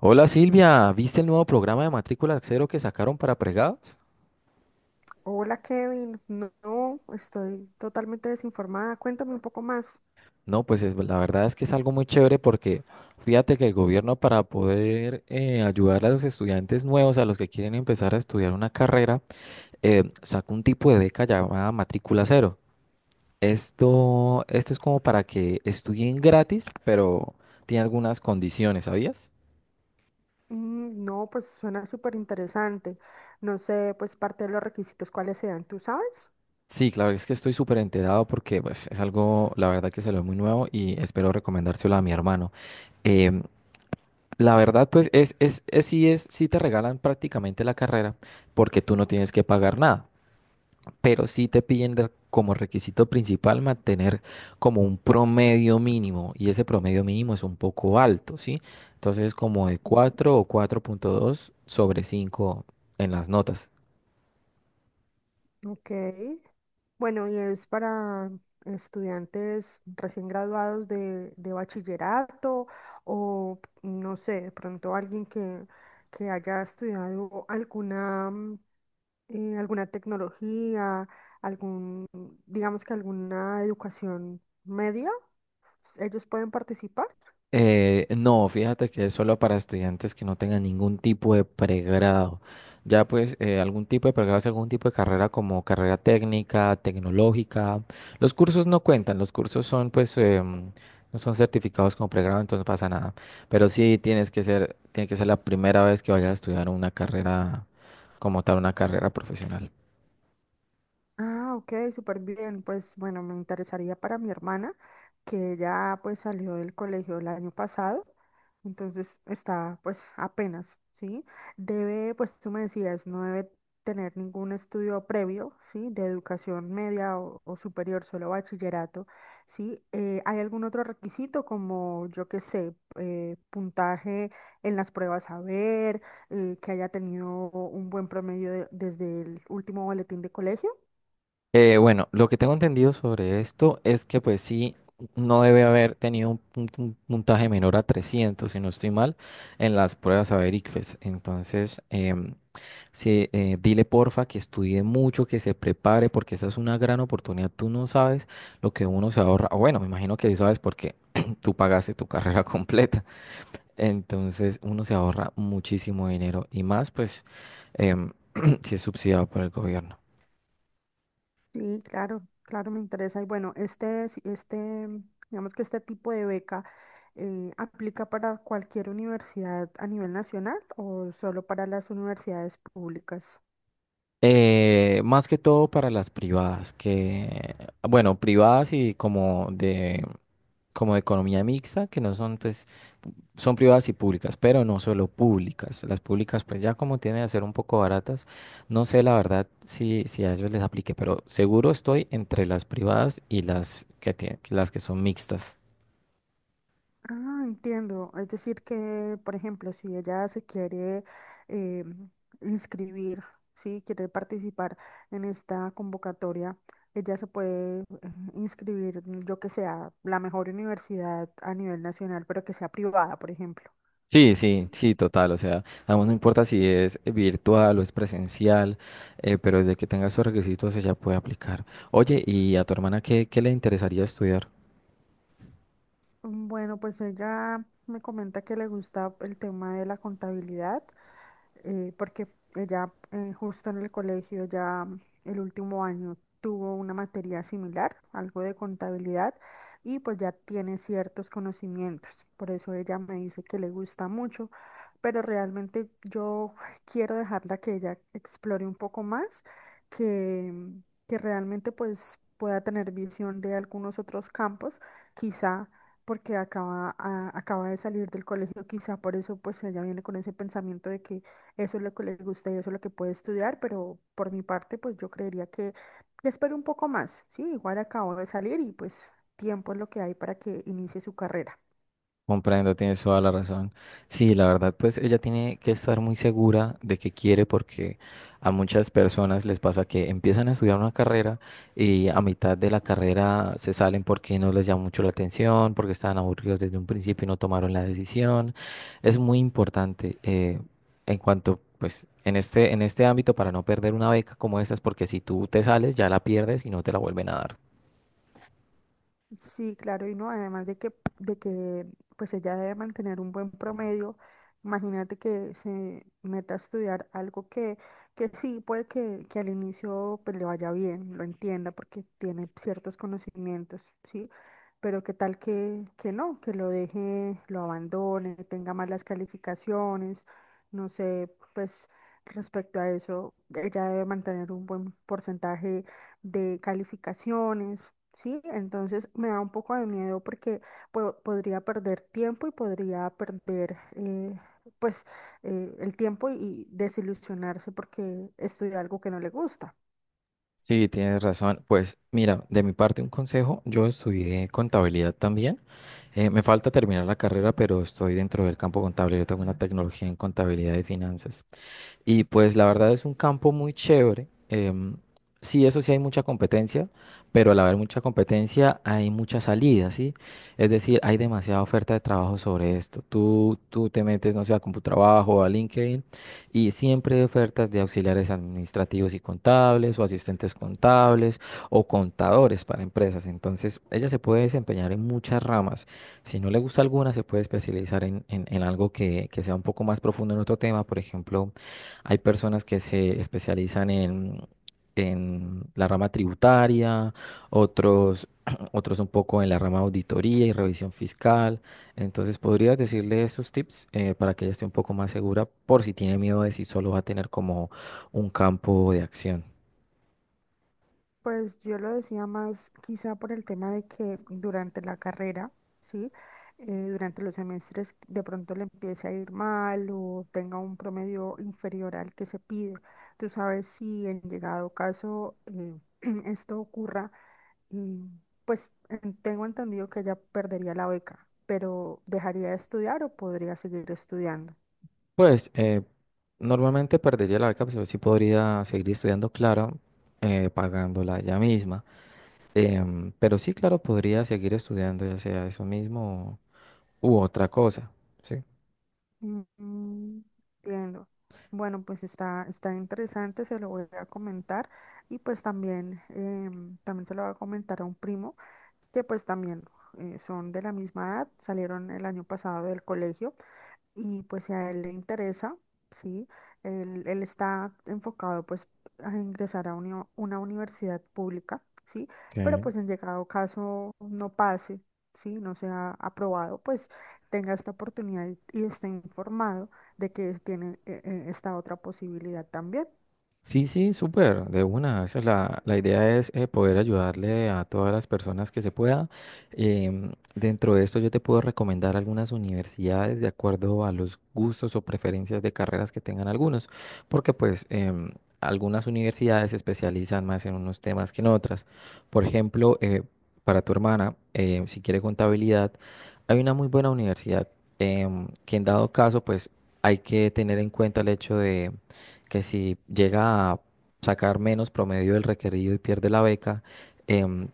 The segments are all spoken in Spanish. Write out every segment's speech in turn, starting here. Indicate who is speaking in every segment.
Speaker 1: Hola Silvia, ¿viste el nuevo programa de matrícula cero que sacaron para pregados?
Speaker 2: Hola Kevin, no, estoy totalmente desinformada. Cuéntame un poco más.
Speaker 1: No, pues la verdad es que es algo muy chévere porque fíjate que el gobierno para poder ayudar a los estudiantes nuevos, a los que quieren empezar a estudiar una carrera, sacó un tipo de beca llamada matrícula cero. Esto es como para que estudien gratis, pero tiene algunas condiciones, ¿sabías?
Speaker 2: Mm, no, pues suena súper interesante. No sé, pues parte de los requisitos cuáles sean, ¿tú sabes?
Speaker 1: Sí, claro, es que estoy súper enterado porque pues, es algo, la verdad que se lo muy nuevo y espero recomendárselo a mi hermano. Em, La verdad, pues sí te regalan prácticamente la carrera porque tú no tienes que pagar nada, pero sí te piden como requisito principal mantener como un promedio mínimo y ese promedio mínimo es un poco alto, ¿sí? Entonces como de
Speaker 2: Mm.
Speaker 1: cuatro o 4,2 sobre 5 en las notas.
Speaker 2: Ok. Bueno, y es para estudiantes recién graduados de bachillerato o no sé, de pronto alguien que haya estudiado alguna alguna tecnología, algún, digamos que alguna educación media, ellos pueden participar.
Speaker 1: No, fíjate que es solo para estudiantes que no tengan ningún tipo de pregrado. Ya pues algún tipo de pregrado es algún tipo de carrera como carrera técnica, tecnológica. Los cursos no cuentan, los cursos son pues no son certificados como pregrado, entonces no pasa nada. Pero sí tiene que ser la primera vez que vayas a estudiar una carrera como tal, una carrera profesional.
Speaker 2: Ah, ok, súper bien. Pues bueno, me interesaría para mi hermana, que ya pues salió del colegio el año pasado, entonces está pues apenas, ¿sí? Debe, pues tú me decías, no debe tener ningún estudio previo, ¿sí? De educación media o superior, solo bachillerato, ¿sí? ¿Hay algún otro requisito como, yo qué sé, puntaje en las pruebas a ver, que haya tenido un buen promedio desde el último boletín de colegio?
Speaker 1: Bueno, lo que tengo entendido sobre esto es que pues sí, no debe haber tenido un puntaje menor a 300, si no estoy mal, en las pruebas saber ICFES. Entonces, sí, dile porfa que estudie mucho, que se prepare, porque esa es una gran oportunidad. Tú no sabes lo que uno se ahorra. O Bueno, me imagino que sí sabes porque tú pagaste tu carrera completa. Entonces, uno se ahorra muchísimo dinero y más pues em, si es subsidiado por el gobierno.
Speaker 2: Sí, claro, claro, me interesa. Y bueno, este, digamos que este tipo de beca aplica para cualquier universidad a nivel nacional o solo para las universidades públicas.
Speaker 1: Más que todo para las privadas, que, bueno, privadas y como de economía mixta, que no son, pues, son privadas y públicas, pero no solo públicas. Las públicas, pues, ya como tienen a ser un poco baratas, no sé la verdad si, si a ellos les aplique, pero seguro estoy entre las privadas y las que las que son mixtas.
Speaker 2: Ah, entiendo. Es decir que, por ejemplo, si ella se quiere eh, inscribir, sí, quiere participar en esta convocatoria, ella se puede inscribir, yo que sea, la mejor universidad a nivel nacional, pero que sea privada, por ejemplo.
Speaker 1: Sí, sí, sí, total. O sea, aún no importa si es virtual o es presencial, pero desde que tenga esos requisitos ella puede aplicar. Oye, ¿y a tu hermana qué, qué le interesaría estudiar?
Speaker 2: Bueno, pues ella me comenta que le gusta el tema de la contabilidad porque ella justo en el colegio ya el último año tuvo una materia similar, algo de contabilidad, y pues ya tiene ciertos conocimientos. Por eso ella me dice que le gusta mucho, pero realmente yo quiero dejarla que ella explore un poco más, que, que realmente pues pueda tener visión de algunos otros campos, quizá porque acaba de salir del colegio, quizá por eso pues ella viene con ese pensamiento de que eso es lo que le gusta y eso es lo que puede estudiar, pero por mi parte, pues yo creería que le espero un poco más, ¿sí? Igual acabo de salir y pues tiempo es lo que hay para que inicie su carrera.
Speaker 1: Comprendo, tienes toda la razón. Sí, la verdad, pues ella tiene que estar muy segura de que quiere porque a muchas personas les pasa que empiezan a estudiar una carrera y a mitad de la carrera se salen porque no les llama mucho la atención, porque estaban aburridos desde un principio y no tomaron la decisión. Es muy importante en cuanto, pues, en este ámbito para no perder una beca como estas, porque si tú te sales ya la pierdes y no te la vuelven a dar.
Speaker 2: Sí, claro, y no, además de que pues ella debe mantener un buen promedio, imagínate que se meta a estudiar algo que sí, puede que al inicio pues le vaya bien, lo entienda porque tiene ciertos conocimientos, ¿sí? Pero qué tal que no, que lo deje, lo abandone, tenga malas calificaciones, no sé, pues respecto a eso, ella debe mantener un buen porcentaje de calificaciones, ¿sí? Entonces me da un poco de miedo porque podría perder tiempo y podría perder, pues, el tiempo y desilusionarse porque estudia algo que no le gusta.
Speaker 1: Sí, tienes razón. Pues mira, de mi parte un consejo, yo estudié contabilidad también. Me falta terminar la carrera, pero estoy dentro del campo contable. Yo tengo una tecnología en contabilidad y finanzas. Y pues la verdad es un campo muy chévere. Sí, eso sí hay mucha competencia, pero al haber mucha competencia hay mucha salida, ¿sí? Es decir, hay demasiada oferta de trabajo sobre esto. Tú te metes, no sé, a CompuTrabajo o a LinkedIn y siempre hay ofertas de auxiliares administrativos y contables o asistentes contables o contadores para empresas. Entonces, ella se puede desempeñar en muchas ramas. Si no le gusta alguna, se puede especializar en algo que sea un poco más profundo en otro tema, por ejemplo. Hay personas que se especializan en la rama tributaria, otros, otros un poco en la rama auditoría y revisión fiscal. Entonces, ¿podrías decirle esos tips para que ella esté un poco más segura por si tiene miedo de si solo va a tener como un campo de acción?
Speaker 2: Pues yo lo decía más quizá por el tema de que durante la carrera, ¿sí? Durante los semestres de pronto le empiece a ir mal o tenga un promedio inferior al que se pide. Tú sabes si en llegado caso esto ocurra, y pues tengo entendido que ella perdería la beca, pero ¿dejaría de estudiar o podría seguir estudiando?
Speaker 1: Pues normalmente perdería la beca, pero sí podría seguir estudiando, claro, pagándola ella misma. Pero sí, claro, podría seguir estudiando, ya sea eso mismo u otra cosa, ¿sí?
Speaker 2: Mm, entiendo. Bueno, pues está, está interesante, se lo voy a comentar y pues también, también se lo voy a comentar a un primo que pues también son de la misma edad, salieron el año pasado del colegio. Y pues si a él le interesa, sí, él está enfocado pues a ingresar a una universidad pública, sí,
Speaker 1: Ok.
Speaker 2: pero pues en llegado caso no pase, sí, no sea aprobado, pues tenga esta oportunidad y esté informado de que tiene esta otra posibilidad también.
Speaker 1: Sí, sí, súper, de una. Esa es la, la idea es poder ayudarle a todas las personas que se pueda. Dentro de esto yo te puedo recomendar algunas universidades de acuerdo a los gustos o preferencias de carreras que tengan algunos, porque pues algunas universidades se especializan más en unos temas que en otras. Por ejemplo, para tu hermana, si quiere contabilidad, hay una muy buena universidad que en dado caso pues hay que tener en cuenta el hecho que si llega a sacar menos promedio del requerido y pierde la beca, em,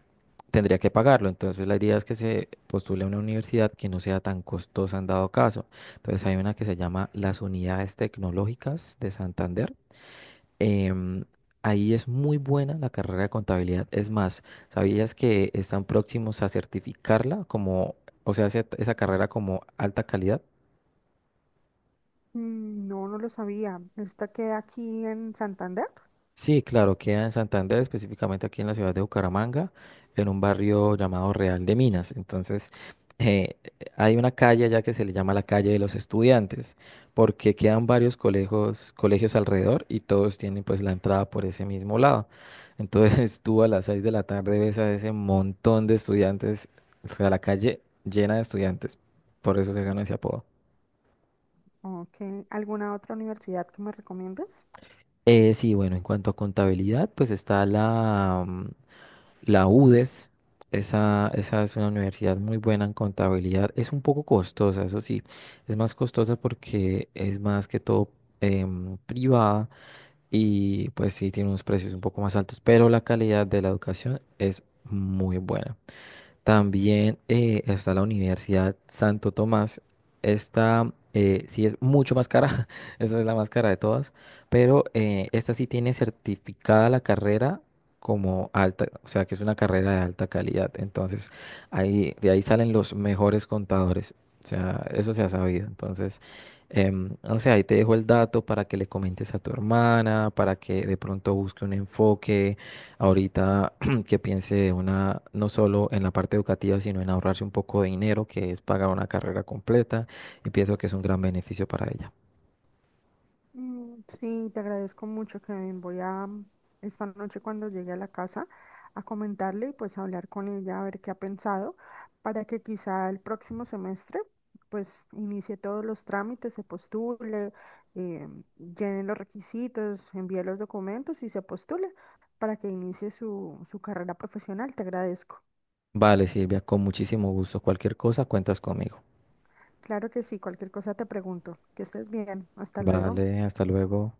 Speaker 1: tendría que pagarlo. Entonces la idea es que se postule a una universidad que no sea tan costosa en dado caso. Entonces hay una que se llama las Unidades Tecnológicas de Santander. Em, Ahí es muy buena la carrera de contabilidad. Es más, ¿sabías que están próximos a certificarla como, o sea, esa carrera como alta calidad?
Speaker 2: Mm. No, no lo sabía. ¿Esta queda aquí en Santander?
Speaker 1: Sí, claro, queda en Santander, específicamente aquí en la ciudad de Bucaramanga, en un barrio llamado Real de Minas. Entonces, eh, hay una calle allá que se le llama la calle de los estudiantes, porque quedan varios colegios, colegios alrededor y todos tienen pues la entrada por ese mismo lado. Entonces, tú a las 6 de la tarde ves a ese montón de estudiantes, o sea, la calle llena de estudiantes, por eso se ganó ese apodo.
Speaker 2: ¿O qué- alguna otra universidad que me recomiendes?
Speaker 1: Sí, bueno, en cuanto a contabilidad, pues está La UDES, esa es una universidad muy buena en contabilidad. Es un poco costosa, eso sí. Es más costosa porque es más que todo privada y pues sí tiene unos precios un poco más altos, pero la calidad de la educación es muy buena. También está la Universidad Santo Tomás. Esta sí es mucho más cara, esta es la más cara de todas, pero esta sí tiene certificada la carrera como alta, o sea que es una carrera de alta calidad. Entonces, ahí, de ahí salen los mejores contadores. O sea, eso se ha sabido. Entonces, no sé, ahí te dejo el dato para que le comentes a tu hermana, para que de pronto busque un enfoque. Ahorita que piense una, no solo en la parte educativa, sino en ahorrarse un poco de dinero, que es pagar una carrera completa, y pienso que es un gran beneficio para ella.
Speaker 2: Mm, sí, te agradezco mucho, Kevin. Voy a esta noche cuando llegue a la casa a comentarle y pues hablar con ella a ver qué ha pensado para que quizá el próximo semestre pues inicie todos los trámites, se postule, eh, llene los requisitos, envíe los documentos y se postule para que inicie su, su carrera profesional. Te agradezco.
Speaker 1: Vale, Silvia, con muchísimo gusto. Cualquier cosa, cuentas conmigo.
Speaker 2: Claro que sí, cualquier cosa te pregunto. Que estés bien. Hasta luego.
Speaker 1: Vale, hasta luego.